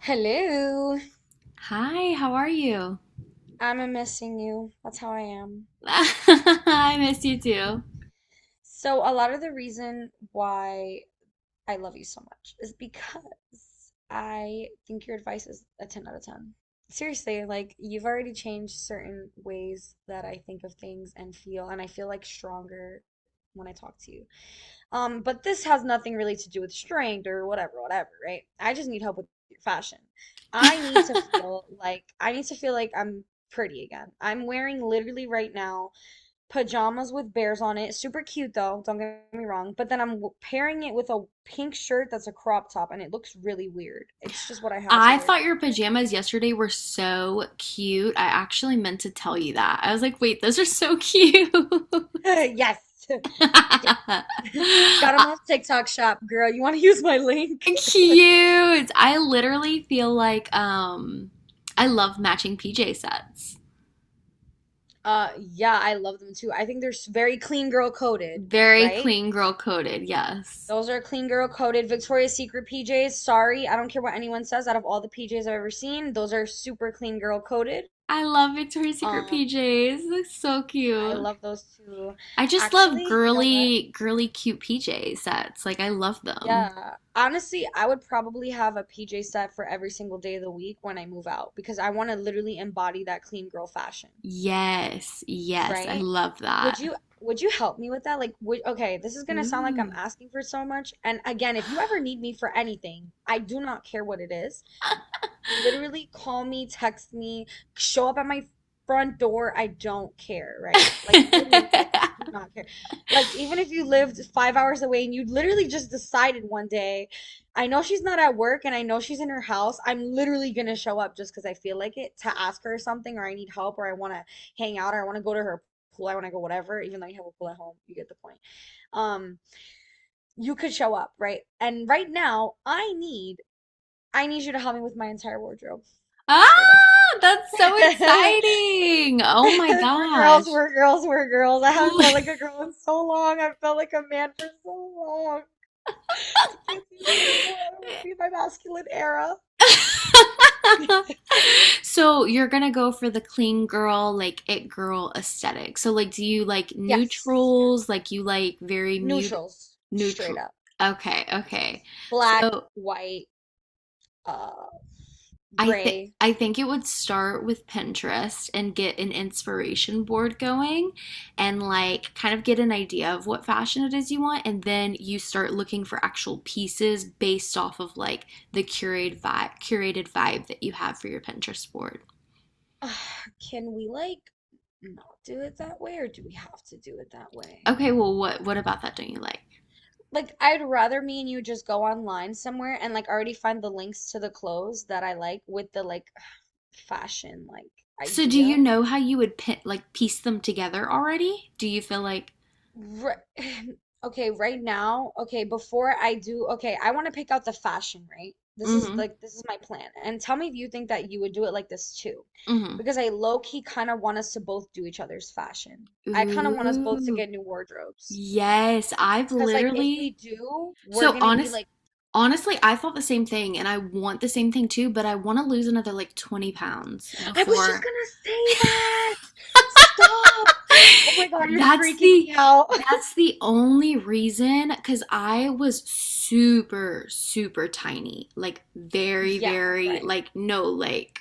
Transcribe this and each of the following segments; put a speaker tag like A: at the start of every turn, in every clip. A: Hello.
B: Hi, how are you?
A: I'm missing you. That's how I am.
B: I miss you too.
A: So a lot of the reason why I love you so much is because I think your advice is a 10 out of 10. Seriously, like you've already changed certain ways that I think of things and feel, and I feel like stronger when I talk to you. But this has nothing really to do with strength or whatever, whatever, right? I just need help with fashion. I need to feel like I need to feel like I'm pretty again. I'm wearing literally right now pajamas with bears on it. Super cute though, don't get me wrong, but then I'm pairing it with a pink shirt that's a crop top and it looks really weird. It's just what I had to
B: I
A: wear
B: thought your
A: today,
B: pajamas yesterday were so cute. I actually meant to tell you that. I was like, wait, those are so cute.
A: right? Yes. Yes. Got them
B: Uh,
A: off TikTok shop, girl. You want to use my link?
B: cute. I literally feel like I love matching PJ sets.
A: Yeah, I love them too. I think they're very clean girl coded,
B: Very
A: right?
B: clean girl coded, yes.
A: Those are clean girl coded. Victoria's Secret PJs, sorry, I don't care what anyone says. Out of all the PJs I've ever seen, those are super clean girl coded.
B: I love Victoria's Secret
A: Um,
B: PJs. They're so
A: I
B: cute.
A: love those too.
B: I just love
A: Actually, you know what?
B: girly, girly, cute PJ sets. Like, I love them.
A: Yeah, honestly, I would probably have a PJ set for every single day of the week when I move out because I want to literally embody that clean girl fashion.
B: Yes, yes, I
A: Right?
B: love that.
A: Would you help me with that? Like, would okay, this is gonna sound like I'm
B: Ooh.
A: asking for so much. And again, if you ever need me for anything, I do not care what it is, literally call me, text me, show up at my front door. I don't care, right? Like literally, I do not care. Like even if you lived 5 hours away and you literally just decided one day, I know she's not at work and I know she's in her house. I'm literally gonna show up just because I feel like it to ask her something or I need help or I want to hang out or I want to go to her pool. I want to go whatever. Even though you have a pool at home, you get the point. Um, you could show up, right? And right now, I need you to help me with my entire wardrobe. Straight up.
B: Ah, that's so exciting. Oh my
A: We're girls,
B: gosh.
A: we're girls, we're girls. I haven't
B: Ooh.
A: felt like a girl in so long. I've felt like a man for so long. I can't do this anymore. I don't want to be in my masculine era.
B: So you're gonna go for the clean girl, like it girl aesthetic. So like, do you like
A: Yes.
B: neutrals? Like you like very mute
A: Neutrals. Straight
B: neutral?
A: up.
B: Okay, okay.
A: Neutrals. Black,
B: So
A: white, uh,
B: I think
A: gray.
B: I think it would start with Pinterest and get an inspiration board going, and like kind of get an idea of what fashion it is you want, and then you start looking for actual pieces based off of like the curated vibe that you have for your Pinterest board.
A: Ugh, can we like not do it that way, or do we have to do it that way?
B: Okay, well what about that don't you like?
A: Like, I'd rather me and you just go online somewhere and like already find the links to the clothes that I like with the like fashion like
B: So do
A: idea.
B: you know how you would pin, like piece them together already? Do you feel like.
A: Right. Okay, right now, okay, before I do, okay, I want to pick out the fashion, right? This is
B: Mm-hmm,
A: like this is my plan. And tell me if you think that you would do it like this too.
B: mm-hmm.
A: Because I low key kind of want us to both do each other's fashion. I kind of want us both to
B: Ooh.
A: get new wardrobes.
B: Yes, I've
A: Because like if we
B: literally,
A: do, we're
B: so
A: gonna be
B: honest
A: like
B: honestly, I thought the same thing, and I want the same thing too, but I want to lose another like 20 pounds
A: I was just
B: before.
A: gonna say that. Stop. Oh my God, you're
B: That's
A: freaking
B: the
A: me out.
B: that's the only reason, because I was super, super tiny. Like very,
A: Yeah,
B: very,
A: right.
B: like no, like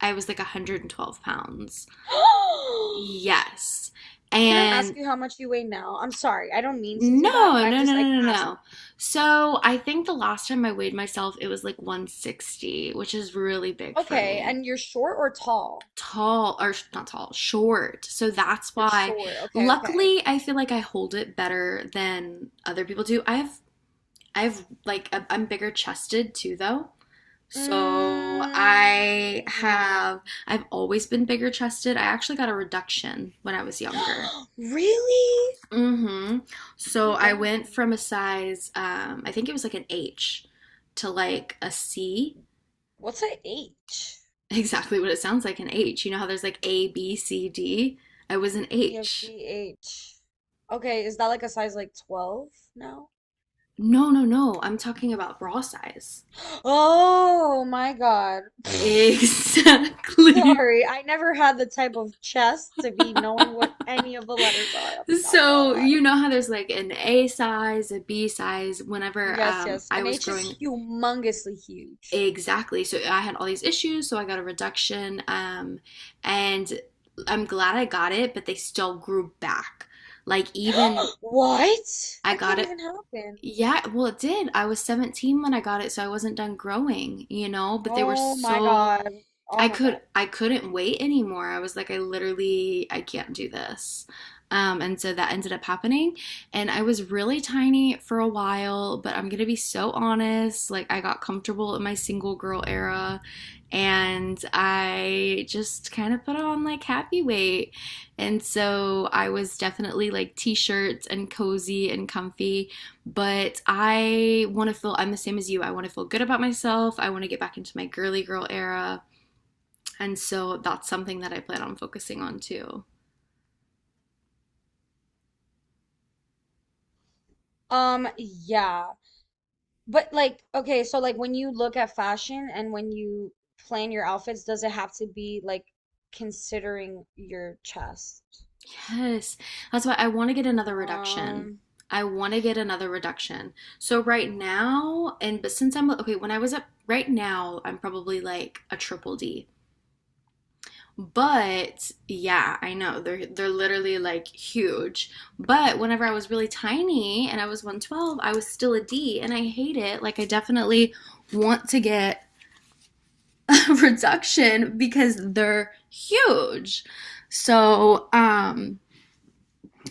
B: I was like 112 pounds. Yes.
A: Can I ask
B: And
A: you how much you weigh now? I'm sorry, I don't mean to do that, but
B: no,
A: I'm
B: no, no,
A: just like
B: no, no,
A: asking.
B: no. So I think the last time I weighed myself, it was like 160, which is really big for
A: Okay,
B: me.
A: and you're short or tall?
B: Tall or not tall, short. So that's
A: You're
B: why
A: short. Okay, okay.
B: luckily I feel like I hold it better than other people do. I have like I am bigger chested too though. So I
A: Mm.
B: have I've always been bigger chested. I actually got a reduction when I was younger.
A: Really?
B: Mm-hmm. So
A: My
B: I
A: God.
B: went from a size, I think it was like an H to like a C.
A: What's a H?
B: Exactly what it sounds like. An H. You know how there's like A, B, C, D? I was an
A: E F
B: H.
A: G H. Okay, is that like a size like 12 now?
B: No, no, no. I'm talking about bra size.
A: Oh my God.
B: Exactly.
A: Sorry, I never had the type of chest to be knowing what any of the letters are. I'm not gonna
B: So you
A: lie.
B: know how there's like an A size, a B size. Whenever
A: Yes, yes.
B: I
A: An
B: was
A: H
B: growing,
A: is humongously huge.
B: exactly. So I had all these issues. So I got a reduction, and I'm glad I got it. But they still grew back. Like, even
A: What?
B: I
A: That
B: got
A: can't
B: it.
A: even happen.
B: Yeah, well, it did. I was 17 when I got it, so I wasn't done growing. But they were
A: Oh my
B: so
A: God. Oh
B: I
A: my God.
B: could I couldn't wait anymore. I was like, I literally, I can't do this. And so that ended up happening. And I was really tiny for a while, but I'm gonna be so honest. Like, I got comfortable in my single girl era, and I just kind of put on like happy weight. And so I was definitely like t shirts and cozy and comfy. But, I'm the same as you. I wanna feel good about myself. I wanna get back into my girly girl era. And so that's something that I plan on focusing on too.
A: Yeah. But like, okay, so like when you look at fashion and when you plan your outfits, does it have to be like considering your chest?
B: Yes. That's why I want to get another reduction.
A: Um,
B: I want to get another reduction. So right now, and but since I'm okay, when I was up right now, I'm probably like a triple D. But yeah, I know they're literally like huge. But whenever I was really tiny and I was 112, I was still a D and I hate it. Like, I definitely want to get reduction because they're huge. So,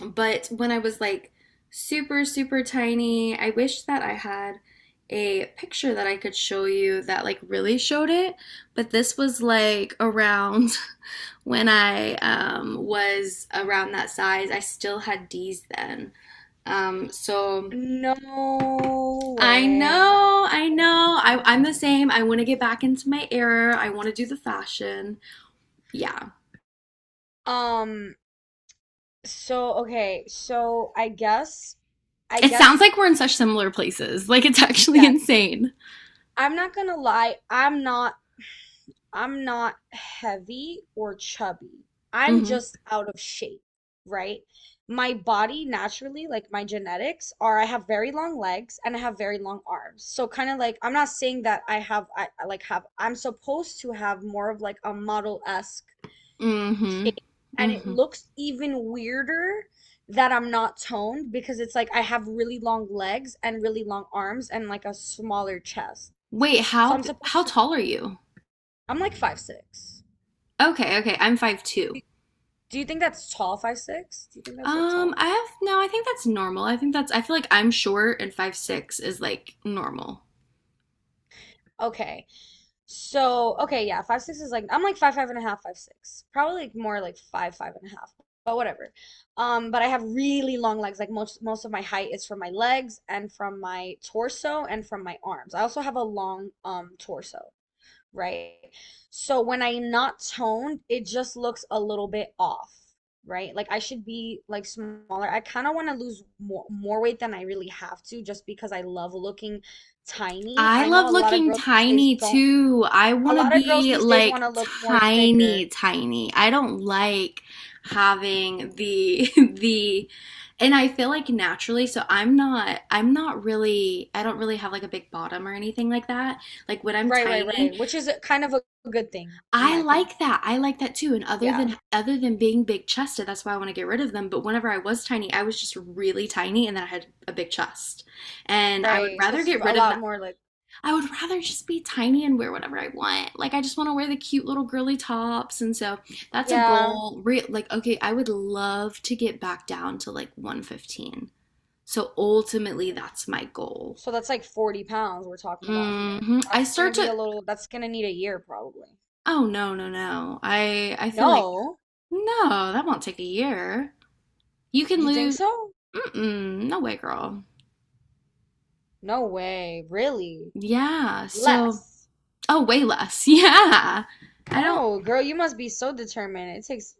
B: but when I was like super, super tiny, I wish that I had a picture that I could show you that like really showed it. But this was like around when I was around that size. I still had D's then. So
A: No
B: I
A: way. No
B: know, I
A: way.
B: know. I'm
A: No
B: the
A: way.
B: same. I want to get back into my era. I want to do the fashion. Yeah.
A: Um, so okay, so I guess I
B: It sounds
A: guess
B: like we're in such similar places. Like, it's actually
A: yes.
B: insane.
A: I'm not gonna lie, I'm not heavy or chubby. I'm
B: Mm-hmm.
A: just out of shape, right? My body naturally, like my genetics are I have very long legs and I have very long arms. So kind of like I'm not saying that I have I, like have I'm supposed to have more of like a model-esque
B: Mm-hmm.
A: shape and it
B: Mm-hmm.
A: looks even weirder that I'm not toned because it's like I have really long legs and really long arms and like a smaller chest.
B: Wait,
A: So
B: how
A: I'm
B: how
A: supposed to,
B: tall are you?
A: I'm like 5'6".
B: Okay, okay. I'm 5'2".
A: Do you think that's tall, 5'6"? Do you think that's like tall?
B: I have no. I think that's normal. I think that's. I feel like I'm short, and 5'6" is like normal.
A: Okay. So okay, yeah, 5'6" is like I'm like five five and a half, 5'6", probably like more like five five and a half, but whatever. But I have really long legs. Like most of my height is from my legs and from my torso and from my arms. I also have a long torso, right? So when I'm not toned, it just looks a little bit off, right? Like I should be like smaller. I kind of want to lose more weight than I really have to, just because I love looking tiny.
B: I
A: I know
B: love
A: a lot of
B: looking
A: girls these days
B: tiny
A: don't
B: too. I
A: a
B: want to
A: lot of girls
B: be
A: these days
B: like
A: want to look more
B: tiny,
A: thicker.
B: tiny. I don't like having the the. And I feel like naturally, so I'm not really, I don't really have like a big bottom or anything like that. Like, when I'm
A: Right, right,
B: tiny,
A: right. Which is kind of a good thing, in
B: I
A: my opinion.
B: like that. I like that too. And other
A: Yeah,
B: than other than being big chested, that's why I want to get rid of them. But whenever I was tiny, I was just really tiny and then I had a big chest. And I would
A: right. So
B: rather
A: it's
B: get
A: a
B: rid of
A: lot
B: that.
A: more like,
B: I would rather just be tiny and wear whatever I want. Like, I just want to wear the cute little girly tops, and so that's a
A: yeah.
B: goal. Like, okay, I would love to get back down to like 115. So ultimately, that's my goal.
A: So that's like 40 pounds we're talking about here.
B: Hmm. I start to.
A: That's gonna need a year probably.
B: Oh, no, no, no. I feel like,
A: No,
B: no, that won't take a year. You can
A: you think
B: lose.
A: so?
B: Mm-mm, no way, girl.
A: No way, really?
B: Yeah. So,
A: Less.
B: oh, way less. Yeah. I don't.
A: Oh, girl, you must be so determined. It takes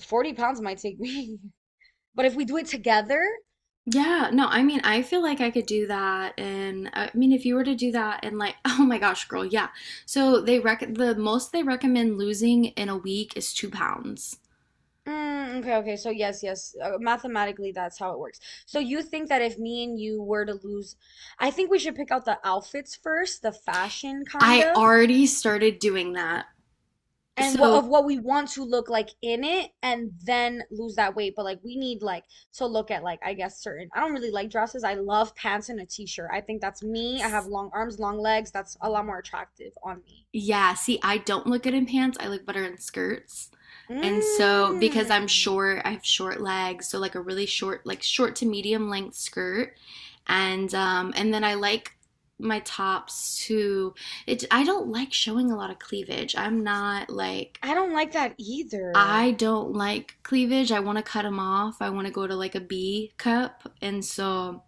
A: 40 pounds might take me. But if we do it together,
B: Yeah, no, I mean, I feel like I could do that, and I mean, if you were to do that, and like, oh my gosh, girl, yeah. So they rec the most they recommend losing in a week is 2 pounds.
A: Mm, okay, okay. So yes, yes. Mathematically, that's how it works. So you think that if me and you were to lose, I think we should pick out the outfits first, the fashion kind
B: I
A: of,
B: already started doing that.
A: and what
B: So,
A: of what we want to look like in it, and then lose that weight. But like we need like to look at like I guess certain. I don't really like dresses. I love pants and a t-shirt. I think that's me. I have long arms, long legs. That's a lot more attractive on me.
B: yeah, see, I don't look good in pants. I look better in skirts. And so, because I'm
A: Mm,
B: short, I have short legs, so like a really short, like short to medium length skirt. And then I like my tops to, it, I don't like showing a lot of cleavage. I'm not like,
A: I don't like that either.
B: I don't like cleavage. I want to cut them off. I want to go to like a B cup. And so,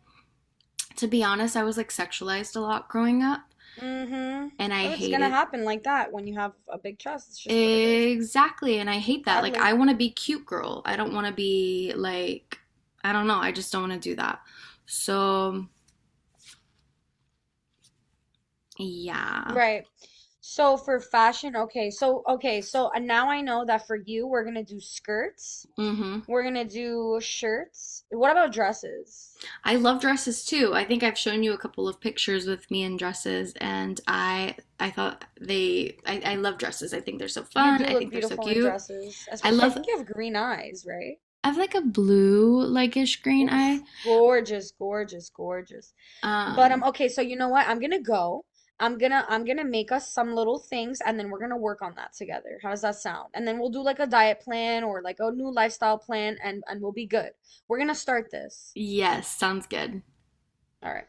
B: to be honest, I was like sexualized a lot growing up,
A: Mm-hmm.
B: and I
A: Oh, it's gonna
B: hated.
A: happen like that when you have a big chest. It's just what it is,
B: Exactly, and I hate that. Like,
A: sadly.
B: I want to be cute girl. I don't want to be like, I don't know. I just don't want to do that. So, yeah.
A: Right. So for fashion, okay. So okay, so now I know that for you, we're gonna do skirts.
B: Mm-hmm.
A: We're gonna do shirts. What about dresses?
B: I love dresses too. I think I've shown you a couple of pictures with me in dresses, and I thought they, I love dresses. I think they're so
A: You
B: fun.
A: do
B: I
A: look
B: think they're so
A: beautiful in
B: cute.
A: dresses,
B: I
A: especially I
B: love.
A: think you have green eyes, right?
B: I have like a blue like-ish green
A: Oh,
B: eye.
A: gorgeous, gorgeous, gorgeous. But
B: Um,
A: okay, so you know what? I'm gonna go. I'm gonna make us some little things and then we're gonna work on that together. How does that sound? And then we'll do like a diet plan or like a new lifestyle plan and we'll be good. We're gonna start this.
B: yes, sounds good.
A: All right.